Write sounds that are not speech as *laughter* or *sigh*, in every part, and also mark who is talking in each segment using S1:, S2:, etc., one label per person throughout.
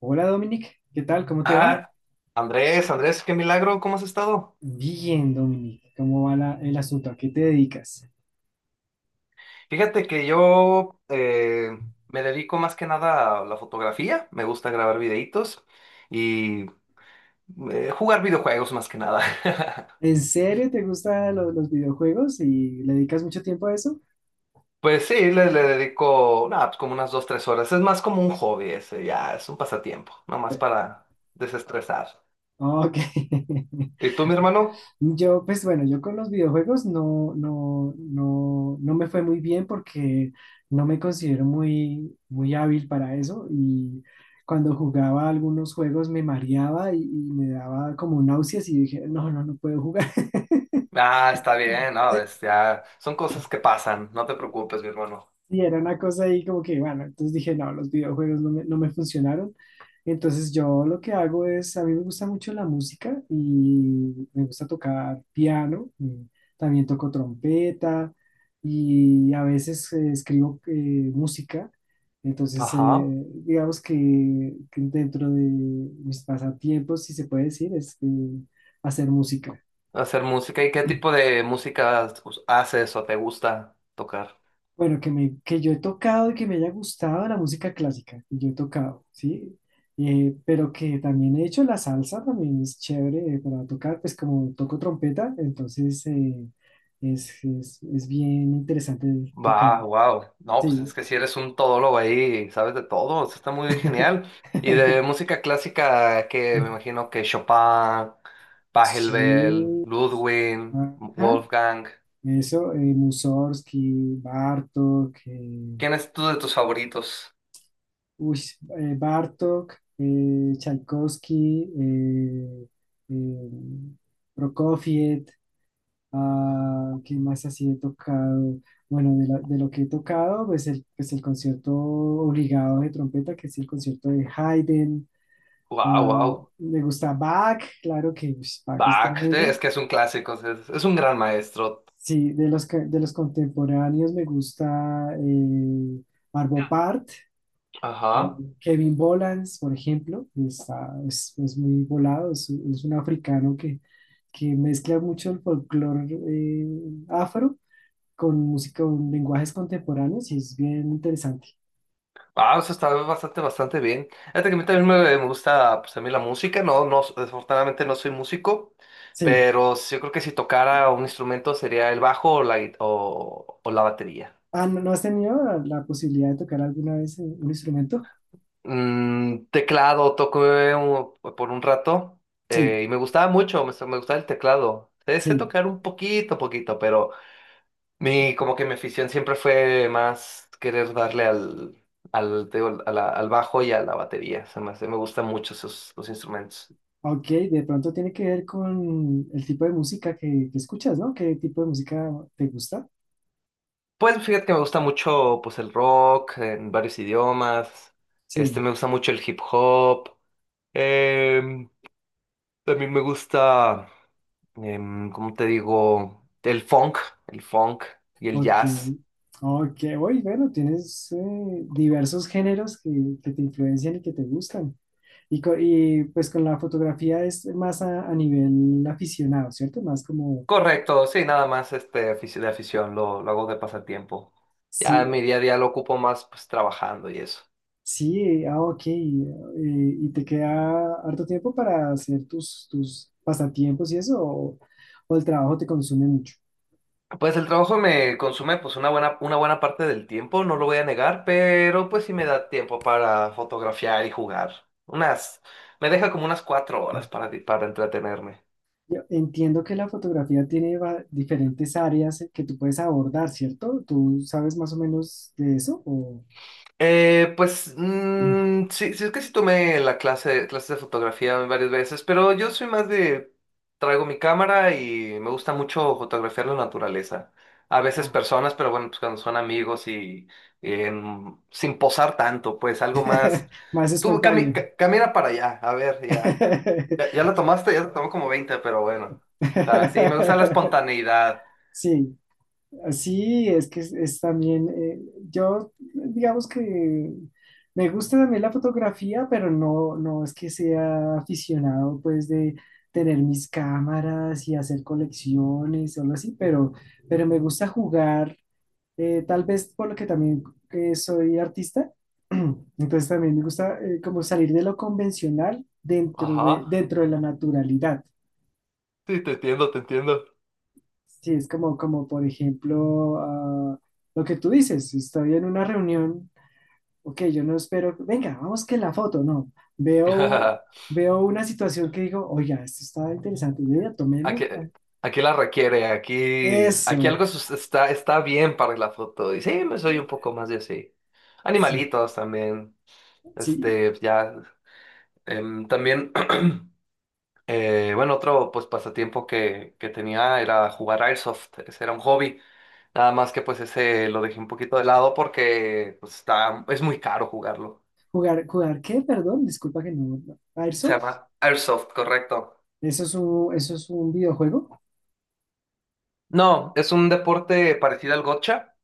S1: Hola, Dominic, ¿qué tal? ¿Cómo te va?
S2: Ah, Andrés, Andrés, qué milagro, ¿cómo has estado?
S1: Bien, Dominic, ¿cómo va el asunto? ¿A qué te dedicas?
S2: Fíjate que yo me dedico más que nada a la fotografía, me gusta grabar videitos y jugar videojuegos más que nada. *laughs*
S1: ¿En serio te gustan los videojuegos y le dedicas mucho tiempo a eso?
S2: Pues sí, le dedico nada, pues como unas 2, 3 horas. Es más como un hobby ese, ya, es un pasatiempo, nomás para desestresar.
S1: Ah, ok.
S2: ¿Y
S1: *laughs*
S2: tú, mi hermano?
S1: Yo, pues bueno, yo con los videojuegos no me fue muy bien porque no me considero muy, muy hábil para eso y cuando jugaba algunos juegos me mareaba y me daba como náuseas y dije, no, no, no puedo jugar.
S2: Ah, está bien, no,
S1: *laughs*
S2: ya, son cosas que pasan, no te preocupes, mi hermano.
S1: Sí, era una cosa ahí como que, bueno, entonces dije, no, los videojuegos no me funcionaron. Entonces, yo lo que hago es, a mí me gusta mucho la música y me gusta tocar piano, y también toco trompeta y a veces escribo música. Entonces,
S2: Ajá.
S1: digamos que dentro de mis pasatiempos, si se puede decir, es hacer música.
S2: Hacer música. ¿Y qué tipo de música haces o te gusta tocar?
S1: Bueno, que yo he tocado y que me haya gustado la música clásica, que yo he tocado, ¿sí? Pero que también he hecho la salsa, también es chévere para tocar, pues como toco trompeta, entonces es bien interesante
S2: Va,
S1: tocar,
S2: wow. No, pues es
S1: sí.
S2: que si eres un todólogo ahí, sabes de todo. Eso está muy genial. Y de
S1: *laughs*
S2: música clásica, que me imagino que Chopin, Pachelbel,
S1: Sí,
S2: Ludwig,
S1: ajá,
S2: Wolfgang.
S1: eso, Mussorgsky, Bartok,
S2: ¿Quién es tú de tus favoritos?
S1: uy, Bartók, Tchaikovsky, eh, Prokofiev, ah, ¿qué más así he tocado? Bueno, de lo que he tocado, pues pues el concierto obligado de trompeta, que es el concierto de Haydn.
S2: Wow,
S1: Ah,
S2: wow.
S1: me gusta Bach, claro que ush, Bach es
S2: Bach, es
S1: tremendo.
S2: que es un clásico, es un gran maestro.
S1: Sí, de los contemporáneos me gusta Arvo Pärt.
S2: Ajá.
S1: Mm, Kevin Bolans, por ejemplo, está, es muy volado, es un africano que mezcla mucho el folclore afro con música, con lenguajes contemporáneos y es bien interesante.
S2: Ah, o sea, está bastante, bastante bien. Fíjate que a mí también me gusta, pues, a mí la música, no, no, desafortunadamente no soy músico,
S1: Sí.
S2: pero sí, yo creo que si tocara un instrumento sería el bajo o o la batería.
S1: Ah, ¿no, no has tenido la, la posibilidad de tocar alguna vez un instrumento?
S2: Teclado, toco por un rato
S1: Sí,
S2: y me gustaba mucho, me gustaba el teclado. Sé
S1: sí.
S2: tocar un poquito, poquito, pero como que mi afición siempre fue más querer darle al, te digo, al bajo y a la batería. Me gustan mucho esos los instrumentos.
S1: Ok, de pronto tiene que ver con el tipo de música que escuchas, ¿no? ¿Qué tipo de música te gusta?
S2: Pues fíjate que me gusta mucho pues el rock en varios idiomas.
S1: Sí.
S2: Me gusta mucho el hip hop. em, También me gusta, ¿cómo te digo? El funk y el
S1: Ok,
S2: jazz.
S1: ok, oye, bueno, tienes diversos géneros que te influencian y que te gustan. Y, pues con la fotografía es más a nivel aficionado, ¿cierto? Más como,
S2: Correcto, sí, nada más de afición, lo hago de pasatiempo. Ya
S1: sí,
S2: en mi día a día lo ocupo más pues trabajando y eso.
S1: sí, ok, y te queda harto tiempo para hacer tus, tus pasatiempos y eso, o el trabajo te consume mucho.
S2: Pues el trabajo me consume pues una buena parte del tiempo, no lo voy a negar, pero pues sí me da tiempo para fotografiar y jugar. Me deja como unas 4 horas
S1: *clears throat*
S2: para, entretenerme.
S1: Yo entiendo que la fotografía tiene diferentes áreas que tú puedes abordar, ¿cierto? ¿Tú sabes más o menos de eso? O...
S2: Pues
S1: *clears throat*
S2: sí, sí, es que sí tomé clases de fotografía varias veces, pero yo soy más de, traigo mi cámara y me gusta mucho fotografiar la naturaleza. A veces
S1: Ah,
S2: personas, pero bueno, pues cuando son amigos y sin posar tanto, pues algo más.
S1: *laughs* más
S2: Tú
S1: espontáneo.
S2: camina para allá, a ver, ya. Ya, ya la
S1: *laughs*
S2: tomaste, ya te tomó como 20 pero bueno. O sea, sí, me gusta la espontaneidad.
S1: Sí, así es que es también, yo digamos que me gusta también la fotografía, pero no, no es que sea aficionado pues de tener mis cámaras y hacer colecciones o algo así, pero me gusta jugar. Tal vez por lo que también soy artista, *clears throat* entonces también me gusta como salir de lo convencional
S2: Ajá,
S1: dentro de la naturalidad.
S2: sí, te entiendo, te entiendo.
S1: Sí, es como, como por ejemplo, ah, lo que tú dices, si estoy en una reunión, ok, yo no espero, venga, vamos que la foto, no, veo,
S2: *laughs*
S1: veo una situación que digo, oiga, esto está interesante, venga, tomemos
S2: Aquí, Aquí la requiere, aquí
S1: eso,
S2: algo está, bien para la foto. Y sí, me soy un poco más de así.
S1: sí,
S2: Animalitos también.
S1: sí,
S2: Ya. También, *clears throat* bueno, otro pues pasatiempo que tenía era jugar Airsoft. Ese era un hobby. Nada más que pues ese lo dejé un poquito de lado porque pues, es muy caro jugarlo.
S1: jugar, jugar, ¿qué? Perdón, disculpa que no, no. A ver,
S2: Se llama Airsoft, correcto.
S1: eso es un, eso es un videojuego.
S2: No, es un deporte parecido al gotcha.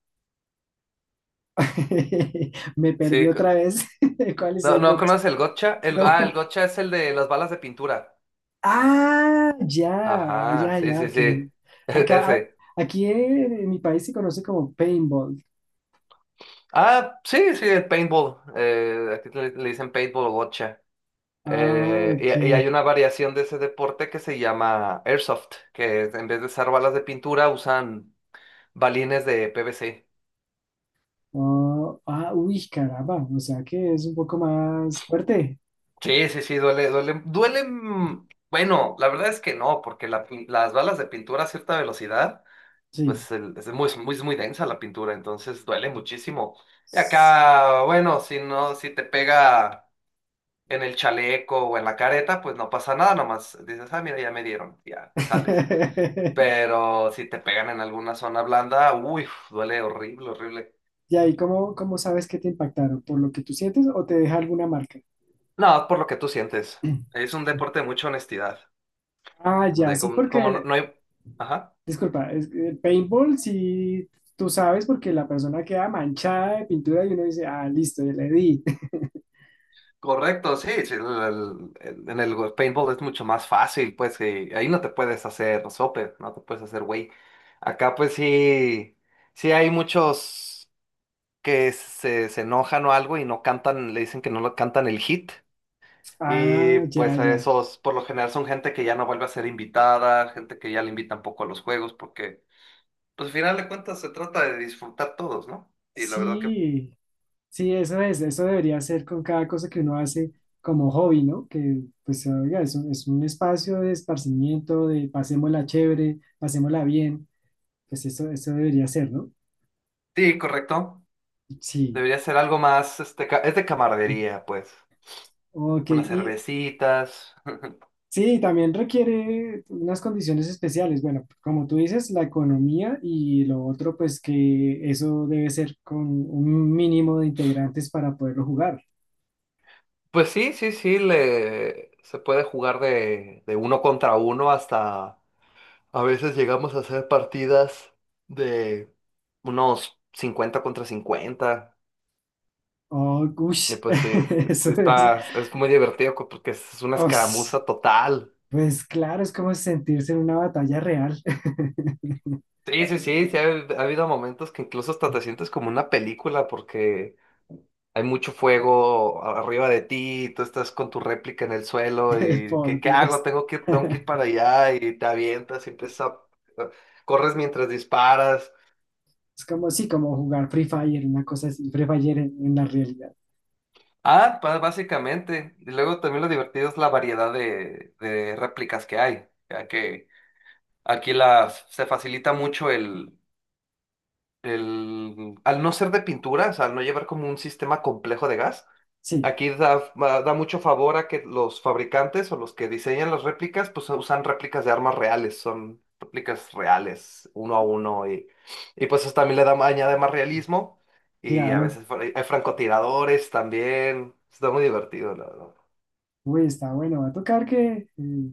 S1: *laughs* Me perdí
S2: Sí,
S1: otra vez. *laughs* ¿Cuál es
S2: no,
S1: el
S2: no
S1: coche?
S2: conoces el gotcha. El
S1: No.
S2: gotcha es el de las balas de pintura.
S1: Ah, ya,
S2: Ajá,
S1: ya,
S2: sí,
S1: ya,
S2: sí,
S1: ok.
S2: sí. *laughs*
S1: Acá,
S2: Ese.
S1: aquí en mi país se conoce como paintball.
S2: Ah, sí, sí, el paintball. Aquí le dicen paintball o gotcha.
S1: Ah, ok.
S2: Y hay una variación de ese deporte que se llama airsoft, en vez de usar balas de pintura usan balines de PVC.
S1: Oh, ah, uy, caramba. O sea que es un poco más fuerte.
S2: Sí, sí, sí, duele, duele, duele. Bueno, la verdad es que no, porque las balas de pintura a cierta velocidad.
S1: Sí.
S2: Pues es muy, muy, muy densa la pintura, entonces duele muchísimo. Y acá, bueno, si te pega en el chaleco o en la careta, pues no pasa nada, nomás dices, ah, mira, ya me dieron, ya te sales.
S1: *laughs*
S2: Pero si te pegan en alguna zona blanda, uy, duele horrible, horrible.
S1: Y ahí ¿cómo, cómo sabes que te impactaron? ¿Por lo que tú sientes o te deja alguna marca? *clears throat*
S2: No, por lo que tú sientes. Es un deporte de mucha honestidad,
S1: Ah, ya,
S2: de
S1: sí,
S2: como no,
S1: porque
S2: no hay... Ajá.
S1: disculpa, es que paintball si tú sabes porque la persona queda manchada de pintura y uno dice, ah, listo, ya le di. *laughs*
S2: Correcto, sí, sí, en el paintball es mucho más fácil, pues que ahí no te puedes hacer sope, no te puedes hacer güey. Acá pues sí, sí hay muchos que se enojan o algo y no cantan, le dicen que no lo cantan el hit. Y
S1: Ah, ya,
S2: pues a
S1: ya.
S2: esos por lo general son gente que ya no vuelve a ser invitada, gente que ya le invitan poco a los juegos, porque pues al final de cuentas se trata de disfrutar todos, ¿no? Y la verdad que
S1: Sí, sí, eso es, eso debería ser con cada cosa que uno hace como hobby, ¿no? Que pues oiga, es un espacio de esparcimiento, de pasémosla chévere, pasémosla bien, pues eso debería ser, ¿no?
S2: sí, correcto.
S1: Sí,
S2: Debería ser algo más, es de
S1: *clears throat*
S2: camaradería, pues.
S1: ok,
S2: Unas
S1: y
S2: cervecitas. *laughs*
S1: sí, también requiere unas condiciones especiales, bueno, como tú dices, la economía y lo otro, pues que eso debe ser con un mínimo de integrantes para poderlo jugar.
S2: Pues sí, sí, sí, le se puede jugar de, uno contra uno hasta a veces llegamos a hacer partidas de unos 50 contra 50.
S1: Oh,
S2: Y
S1: ush,
S2: pues sí,
S1: *laughs*
S2: sí,
S1: eso
S2: sí
S1: es.
S2: es muy divertido porque es una
S1: Ush.
S2: escaramuza total.
S1: Pues claro, es como sentirse en una batalla real.
S2: Sí, sí, sí, sí, ha habido momentos que incluso hasta te sientes como una película porque hay mucho fuego arriba de ti, y tú estás con tu réplica en el suelo
S1: *laughs*
S2: y ¿qué,
S1: Por
S2: qué hago?
S1: Dios.
S2: Tengo que ir para
S1: *laughs*
S2: allá y te avientas y empiezas a... Corres mientras disparas.
S1: Es como, sí, como jugar Free Fire, una cosa así, Free Fire en la realidad.
S2: Ah, básicamente. Y luego también lo divertido es la variedad de réplicas que hay, ya que se facilita mucho el... Al no ser de pinturas, al no llevar como un sistema complejo de gas.
S1: Sí,
S2: Aquí da mucho favor a que los fabricantes o los que diseñan las réplicas, pues usan réplicas de armas reales, son réplicas reales, uno a uno, y pues eso también le da, añade más realismo, y a
S1: claro.
S2: veces hay francotiradores también, está muy divertido, la verdad.
S1: Uy, está bueno. Va a tocar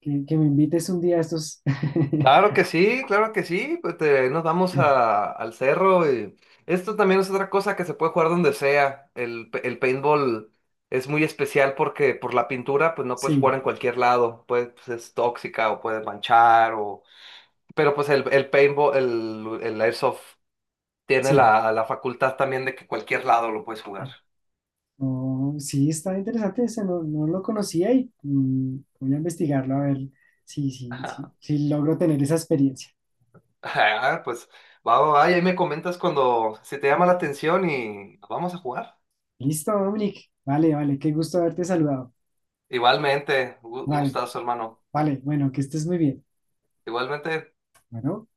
S1: que me invites un día a estos. *laughs*
S2: Claro que sí, claro que sí. Pues nos vamos al cerro y esto también es otra cosa que se puede jugar donde sea. El paintball es muy especial porque por la pintura pues no puedes jugar
S1: Sí,
S2: en cualquier lado. Pues, es tóxica o puede manchar o... Pero pues el paintball, el airsoft tiene
S1: sí.
S2: la facultad también de que cualquier lado lo puedes jugar.
S1: No, sí, está interesante ese, no, no lo conocía y mm, voy a investigarlo a ver si,
S2: *laughs*
S1: si logro tener esa experiencia.
S2: Ah, pues va, va, va, y ahí me comentas cuando si te llama la atención y vamos a jugar.
S1: Listo, Dominic. Vale, vale, qué gusto haberte saludado.
S2: Igualmente, un
S1: Vale.
S2: gustazo, hermano.
S1: Vale, bueno, que estés muy bien.
S2: Igualmente.
S1: Bueno.